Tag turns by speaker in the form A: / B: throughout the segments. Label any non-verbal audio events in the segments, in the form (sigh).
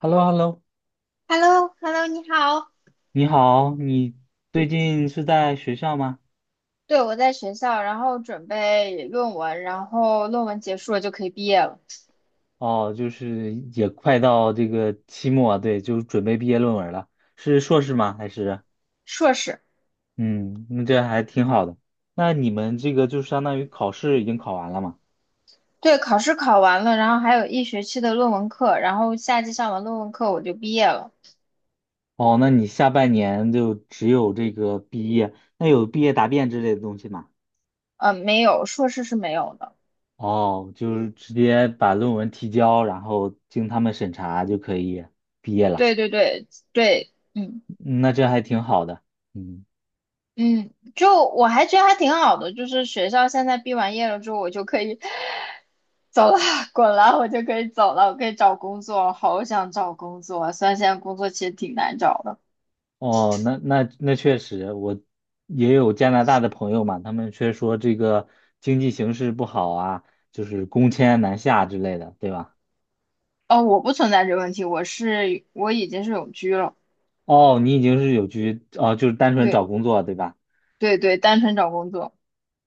A: h e l l o h e l l o
B: h e l l o h e l l o 你好。
A: 你好，你最近是在学校吗？
B: 对，我在学校，然后准备论文，然后论文结束了就可以毕业了。
A: 哦，就是也快到这个期末，对，就是准备毕业论文了，是硕士吗？还是
B: 硕士，
A: 嗯，那这还挺好的。那你们这个就相当于考试已经考完了嘛？
B: 对，考试考完了，然后还有一学期的论文课，然后夏季上完论文课我就毕业了。
A: 哦，那你下半年就只有这个毕业，那有毕业答辩之类的东西吗？
B: 没有，硕士是没有的。
A: 哦，就是直接把论文提交，然后经他们审查就可以毕业了，
B: 对对对对，嗯
A: 嗯那这还挺好的。嗯。
B: 嗯，就我还觉得还挺好的，就是学校现在毕完业了之后，我就可以 (laughs) (sighs) 走了，滚了，我就可以走了，我可以找工作，好想找工作啊，虽然现在工作其实挺难找的。
A: 哦，那那那确实，我也有加拿大的朋友嘛，他们却说这个经济形势不好啊，就是工签难下之类的，对吧？
B: 哦，我不存在这个问题，我是我已经是永居了，
A: 哦，你已经是有居，哦，就是单纯找
B: 对
A: 工作，对吧？
B: 对对，单纯找工作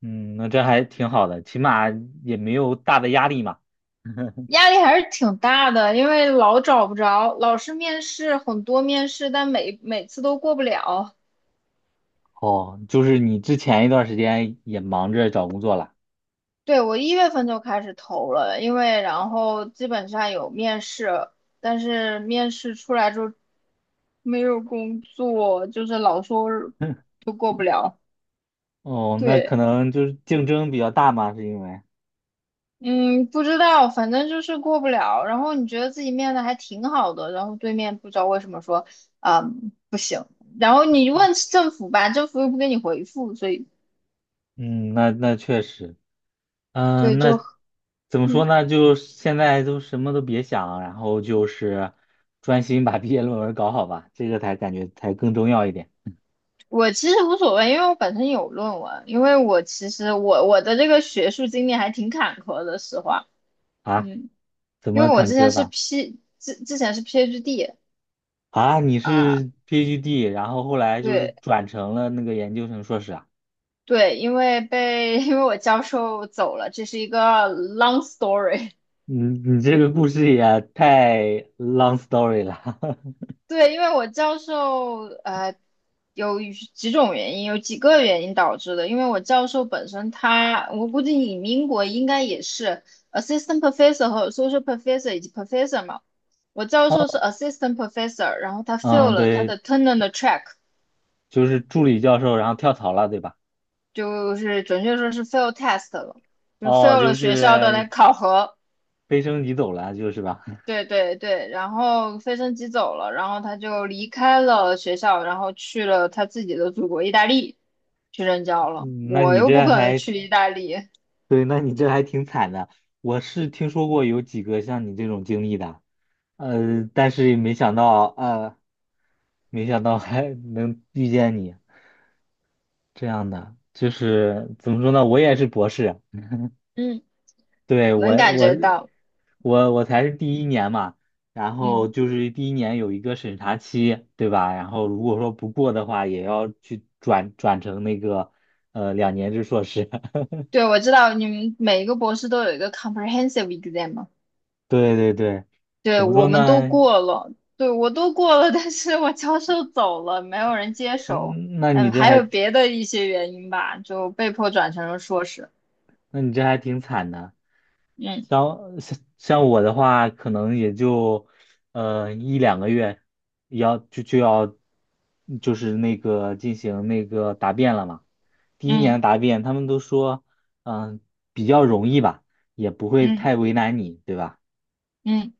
A: 嗯，那这还挺好的，起码也没有大的压力嘛。(laughs)
B: 压力还是挺大的，因为老找不着，老是面试很多面试，但每次都过不了。
A: 哦，就是你之前一段时间也忙着找工作了。
B: 对，我一月份就开始投了，因为然后基本上有面试，但是面试出来之后没有工作，就是老说
A: (laughs)
B: 都过不了。
A: 哦，那可
B: 对。
A: 能就是竞争比较大嘛，是因为，
B: 嗯，不知道，反正就是过不了。然后你觉得自己面的还挺好的，然后对面不知道为什么说，嗯，不行。然后你问政府吧，政府又不给你回复，所以
A: 嗯，那那确实。
B: 对，
A: 嗯，那
B: 就
A: 怎么说
B: 嗯，
A: 呢？就现在都什么都别想，然后就是专心把 (laughs) 毕业论文搞好吧，这个才感觉才更重要一点
B: 我其实无所谓，因为我本身有论文，因为我其实我的这个学术经历还挺坎坷的，实话，
A: 啊。
B: 嗯，
A: 怎
B: 因
A: 么
B: 为我
A: 坎
B: 之前
A: 坷
B: 是
A: 法
B: 之前是 PhD
A: 啊？你
B: 啊、
A: 是 PhD，然后后来就是
B: 对
A: 转成了那个研究生硕士啊？
B: 对，因为被 (laughs) 因为我教授走了，这是一个 long story。
A: 你你这个故事也太 long story 了。(laughs)
B: 对，因为我教授有几种原因，有几个原因导致的。因为我教授本身他，我估计你们英国应该也是 assistant professor 和 associate professor 以及 professor 嘛。我教授是 assistant professor，然后他 fail
A: 嗯，
B: 了他
A: 对，
B: 的 tenure 的 track，
A: 就是助理教授，然后跳槽了，对吧？
B: 就是准确说是 fail test 了，就
A: 哦，
B: fail
A: 就
B: 了学校的那
A: 是
B: 考核。
A: 飞升你走了，就是吧？
B: 对对对，然后飞升机走了，然后他就离开了学校，然后去了他自己的祖国意大利去任
A: (laughs)
B: 教了。
A: 嗯那
B: 我
A: 你
B: 又
A: 这
B: 不可能
A: 还
B: 去意大利，
A: 对，那你这还挺惨的。我是听说过有几个像你这种经历的，但是也没想到，没想到还 (laughs) 能遇见你这样的。就是怎么说呢，我也是博士，
B: 嗯，(laughs)
A: 对，我
B: 能感
A: 我
B: 觉到。
A: 我我才是第一年嘛，然后
B: 嗯，
A: 就是第一年有一个审查期，对吧？然后如果说不过的话，也要去转成那个两年制硕士。(laughs)
B: 对，我知道你们每一个博士都有一个 comprehensive exam 嘛，
A: 对对对，
B: 对，
A: 怎么
B: 我
A: 说
B: 们都
A: 呢？
B: 过了，对，我都过了，但是我教授走了，没有人接手，
A: 嗯，那你
B: 嗯，
A: 这
B: 还有
A: 还，
B: 别的一些原因吧，就被迫转成了硕士。
A: 那你这还挺惨的。
B: 嗯
A: 像我的话，可能也就一两个月，要就要就是那个进行那个答辩了嘛。第一年
B: 嗯
A: 的答辩，他们都说，嗯、比较容易吧，也不会
B: 嗯
A: 太为难你，对吧？
B: 嗯。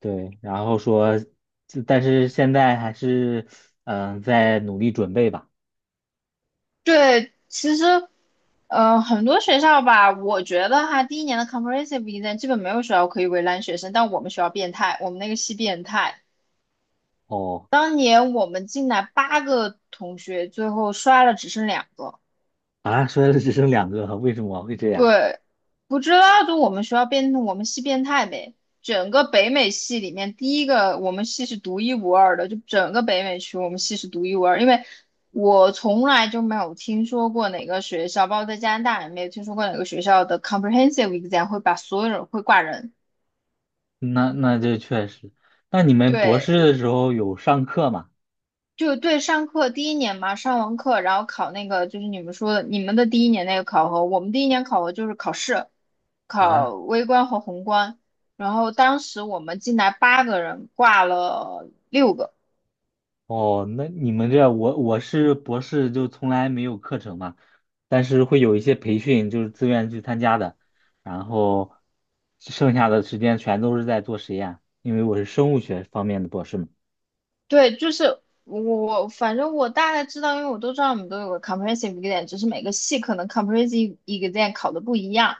A: 对，然后说，就但是现在还是在努力准备吧。
B: 对，其实，很多学校吧，我觉得哈，第一年的 comprehensive exam 基本没有学校可以为难学生，但我们学校变态，我们那个系变态。
A: 哦，
B: 当年我们进来8个同学，最后刷了只剩两个，
A: 啊，说的只剩两个，为什么会这样？
B: 对，不知道就我们学校变，我们系变态呗。整个北美系里面，第一个我们系是独一无二的，就整个北美区我们系是独一无二。因为我从来就没有听说过哪个学校，包括在加拿大也没有听说过哪个学校的 comprehensive exam 会把所有人会挂人。
A: 那那这确实，那你们博
B: 对，
A: 士的时候有上课吗？
B: 就对，上课第一年嘛，上完课然后考那个，就是你们说的你们的第一年那个考核，我们第一年考核就是考试，考
A: 啊，
B: 微观和宏观。然后当时我们进来8个人，挂了6个。
A: 哦，那你们这我是博士就从来没有课程嘛，但是会有一些培训，就是自愿去参加的，然后剩下的时间全都是在做实验，因为我是生物学方面的博士嘛。
B: 对，就是我，反正我大概知道，因为我都知道我们都有个 comprehensive exam，只是每个系可能 comprehensive exam 考的不一样。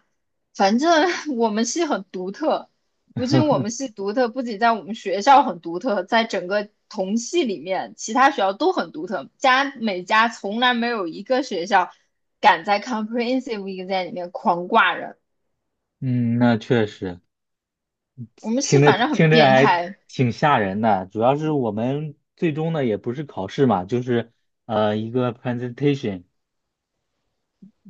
B: 反正 (laughs) 我们系很独特，不仅我们系独特，不仅在我们学校很独特，在整个同系里面，其他学校都很独特。家每家从来没有一个学校敢在 comprehensive exam 里面狂挂人。
A: 嗯，那确实
B: 我们系
A: 听着
B: 反正很
A: 听着
B: 变
A: 还
B: 态，
A: 挺吓人的，主要是我们最终呢也不是考试嘛，就是一个 presentation。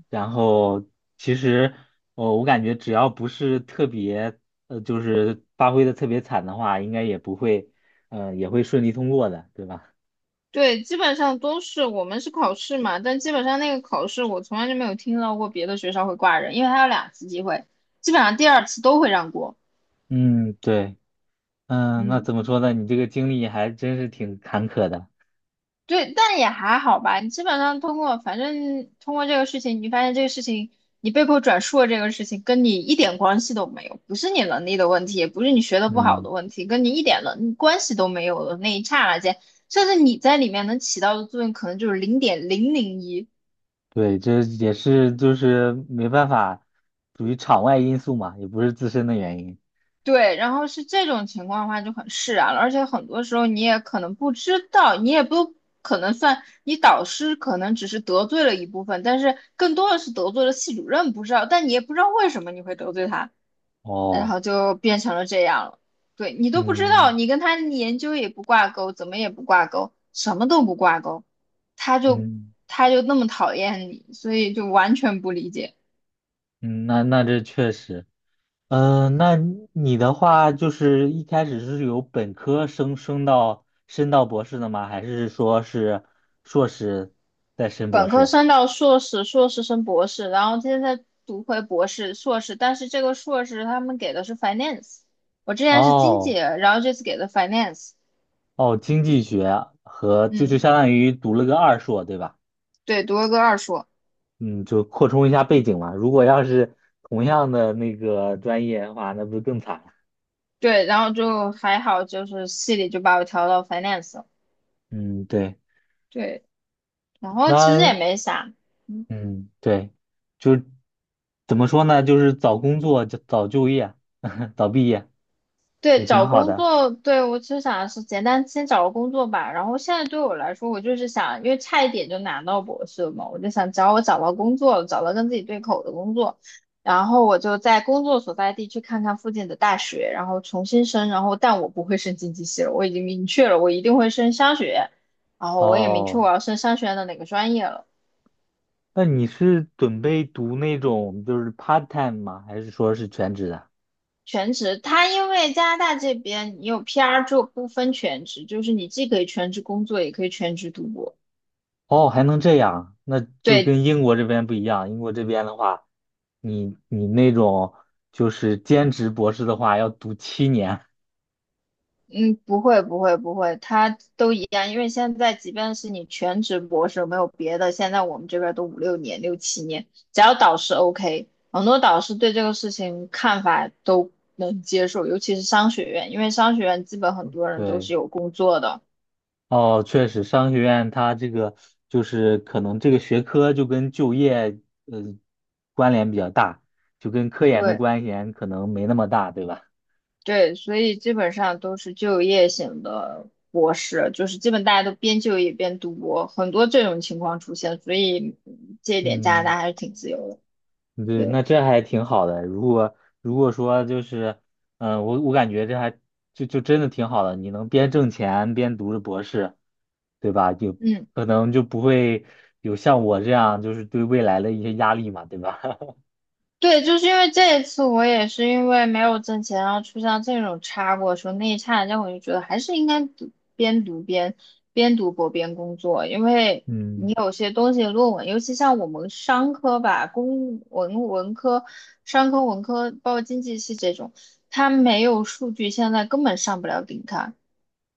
A: 然后其实我感觉只要不是特别就是发挥的特别惨的话，应该也不会，也会顺利通过的，对吧？
B: 对，基本上都是我们是考试嘛，但基本上那个考试我从来就没有听到过别的学校会挂人，因为它有两次机会，基本上第二次都会让过。
A: 嗯，对，嗯，那
B: 嗯，
A: 怎么说呢？你这个经历还真是挺坎坷的。
B: 对，但也还好吧。你基本上通过，反正通过这个事情，你发现这个事情，你被迫转述的这个事情跟你一点关系都没有，不是你能力的问题，也不是你学的不好
A: 嗯，
B: 的问题，跟你一点能关系都没有的那一刹那间，甚至你在里面能起到的作用可能就是0.001。
A: 对，这也是就是没办法，属于场外因素嘛，也不是自身的原因。
B: 对，然后是这种情况的话就很释然了，而且很多时候你也可能不知道，你也不可能算你导师可能只是得罪了一部分，但是更多的是得罪了系主任，不知道，但你也不知道为什么你会得罪他，然
A: 哦，
B: 后就变成了这样了。对你都不知道，
A: 嗯
B: 你跟他的研究也不挂钩，怎么也不挂钩，什么都不挂钩，他就
A: 嗯
B: 他就那么讨厌你，所以就完全不理解。
A: 嗯，那那这确实。嗯，那你的话就是一开始是由本科升到博士的吗？还是说是硕士再升博
B: 本科
A: 士？
B: 升到硕士，硕士升博士，然后现在读回博士、硕士，但是这个硕士他们给的是 finance，我之前是经济，
A: 哦
B: 然后这次给的 finance，
A: 哦，经济学和就
B: 嗯，
A: 相当于读了个二硕，对吧？
B: 对，读了个二硕，
A: 嗯，就扩充一下背景嘛。如果要是同样的那个专业的话，那不是更惨了？
B: 对，然后就还好，就是系里就把我调到 finance 了，
A: 嗯，对，
B: 对，然后其实也
A: 那
B: 没啥，嗯。
A: 嗯，对，就怎么说呢？就是早工作，就早就业，(laughs) 早毕业
B: 对，
A: 也挺
B: 找
A: 好
B: 工
A: 的。
B: 作，对，我其实想的是简单先找个工作吧。然后现在对我来说，我就是想，因为差一点就拿到博士了嘛，我就想，只要我找到工作了，找到跟自己对口的工作，然后我就在工作所在地去看看附近的大学，然后重新申。然后，但我不会申经济系了，我已经明确了，我一定会申商学。院。然后我也明确
A: 哦，
B: 我要升商学院的哪个专业了。
A: 那你是准备读那种就是 part time 吗？还是说是全职的？
B: 全职，它因为加拿大这边你有 PR 就不分全职，就是你既可以全职工作，也可以全职读博。
A: 哦，还能这样，那就
B: 对。
A: 跟英国这边不一样。英国这边的话，你那种就是兼职博士的话，要读7年。
B: 嗯，不会，不会，不会，它都一样。因为现在，即便是你全职博士，没有别的，现在我们这边都五六年、六七年，只要导师 OK，很多导师对这个事情看法都能接受，尤其是商学院，因为商学院基本很多
A: (laughs)
B: 人都
A: 对。
B: 是有工作的，
A: 哦，确实，商学院它这个就是可能这个学科就跟就业呃关联比较大，就跟科研的
B: 对
A: 关联可能没那么大，对吧？
B: 对，所以基本上都是就业型的博士，就是基本大家都边就业边读博，很多这种情况出现，所以嗯这一点加拿
A: 嗯，
B: 大还是挺自由的，
A: 对，
B: 对，
A: 那这还挺好的。如果如果说就是，我我感觉这还就真的挺好的，你能边挣钱边读着博士，对吧？就
B: 嗯。
A: 可能就不会有像我这样就是对未来的一些压力嘛，对吧？(laughs)
B: 对，就是因为这一次我也是因为没有挣钱，然后出现这种差过的时候那一刹那我就觉得还是应该读边读边边读博边工作，因为你
A: 嗯
B: 有些东西论文，尤其像我们商科吧，公文文科、商科文科，包括经济系这种，它没有数据，现在根本上不了顶刊。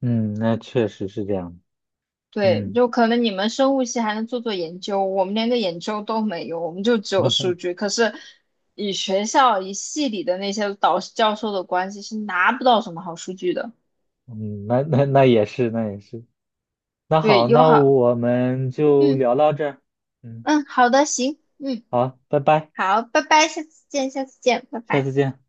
A: 嗯，那确实是这样。
B: 对，
A: 嗯。
B: 就可能你们生物系还能做做研究，我们连个研究都没有，我们就只有数
A: (laughs)
B: 据。可是以学校以系里的那些导师教授的关系是拿不到什么好数据的。
A: 嗯，那那那也是，那也是。那
B: 对，
A: 好，
B: 友
A: 那
B: 好，
A: 我们就
B: 嗯
A: 聊到这儿。嗯，
B: 嗯，好的，行，嗯，
A: 好，拜拜，
B: 好，拜拜，下次见，下次见，拜
A: 下
B: 拜。
A: 次见。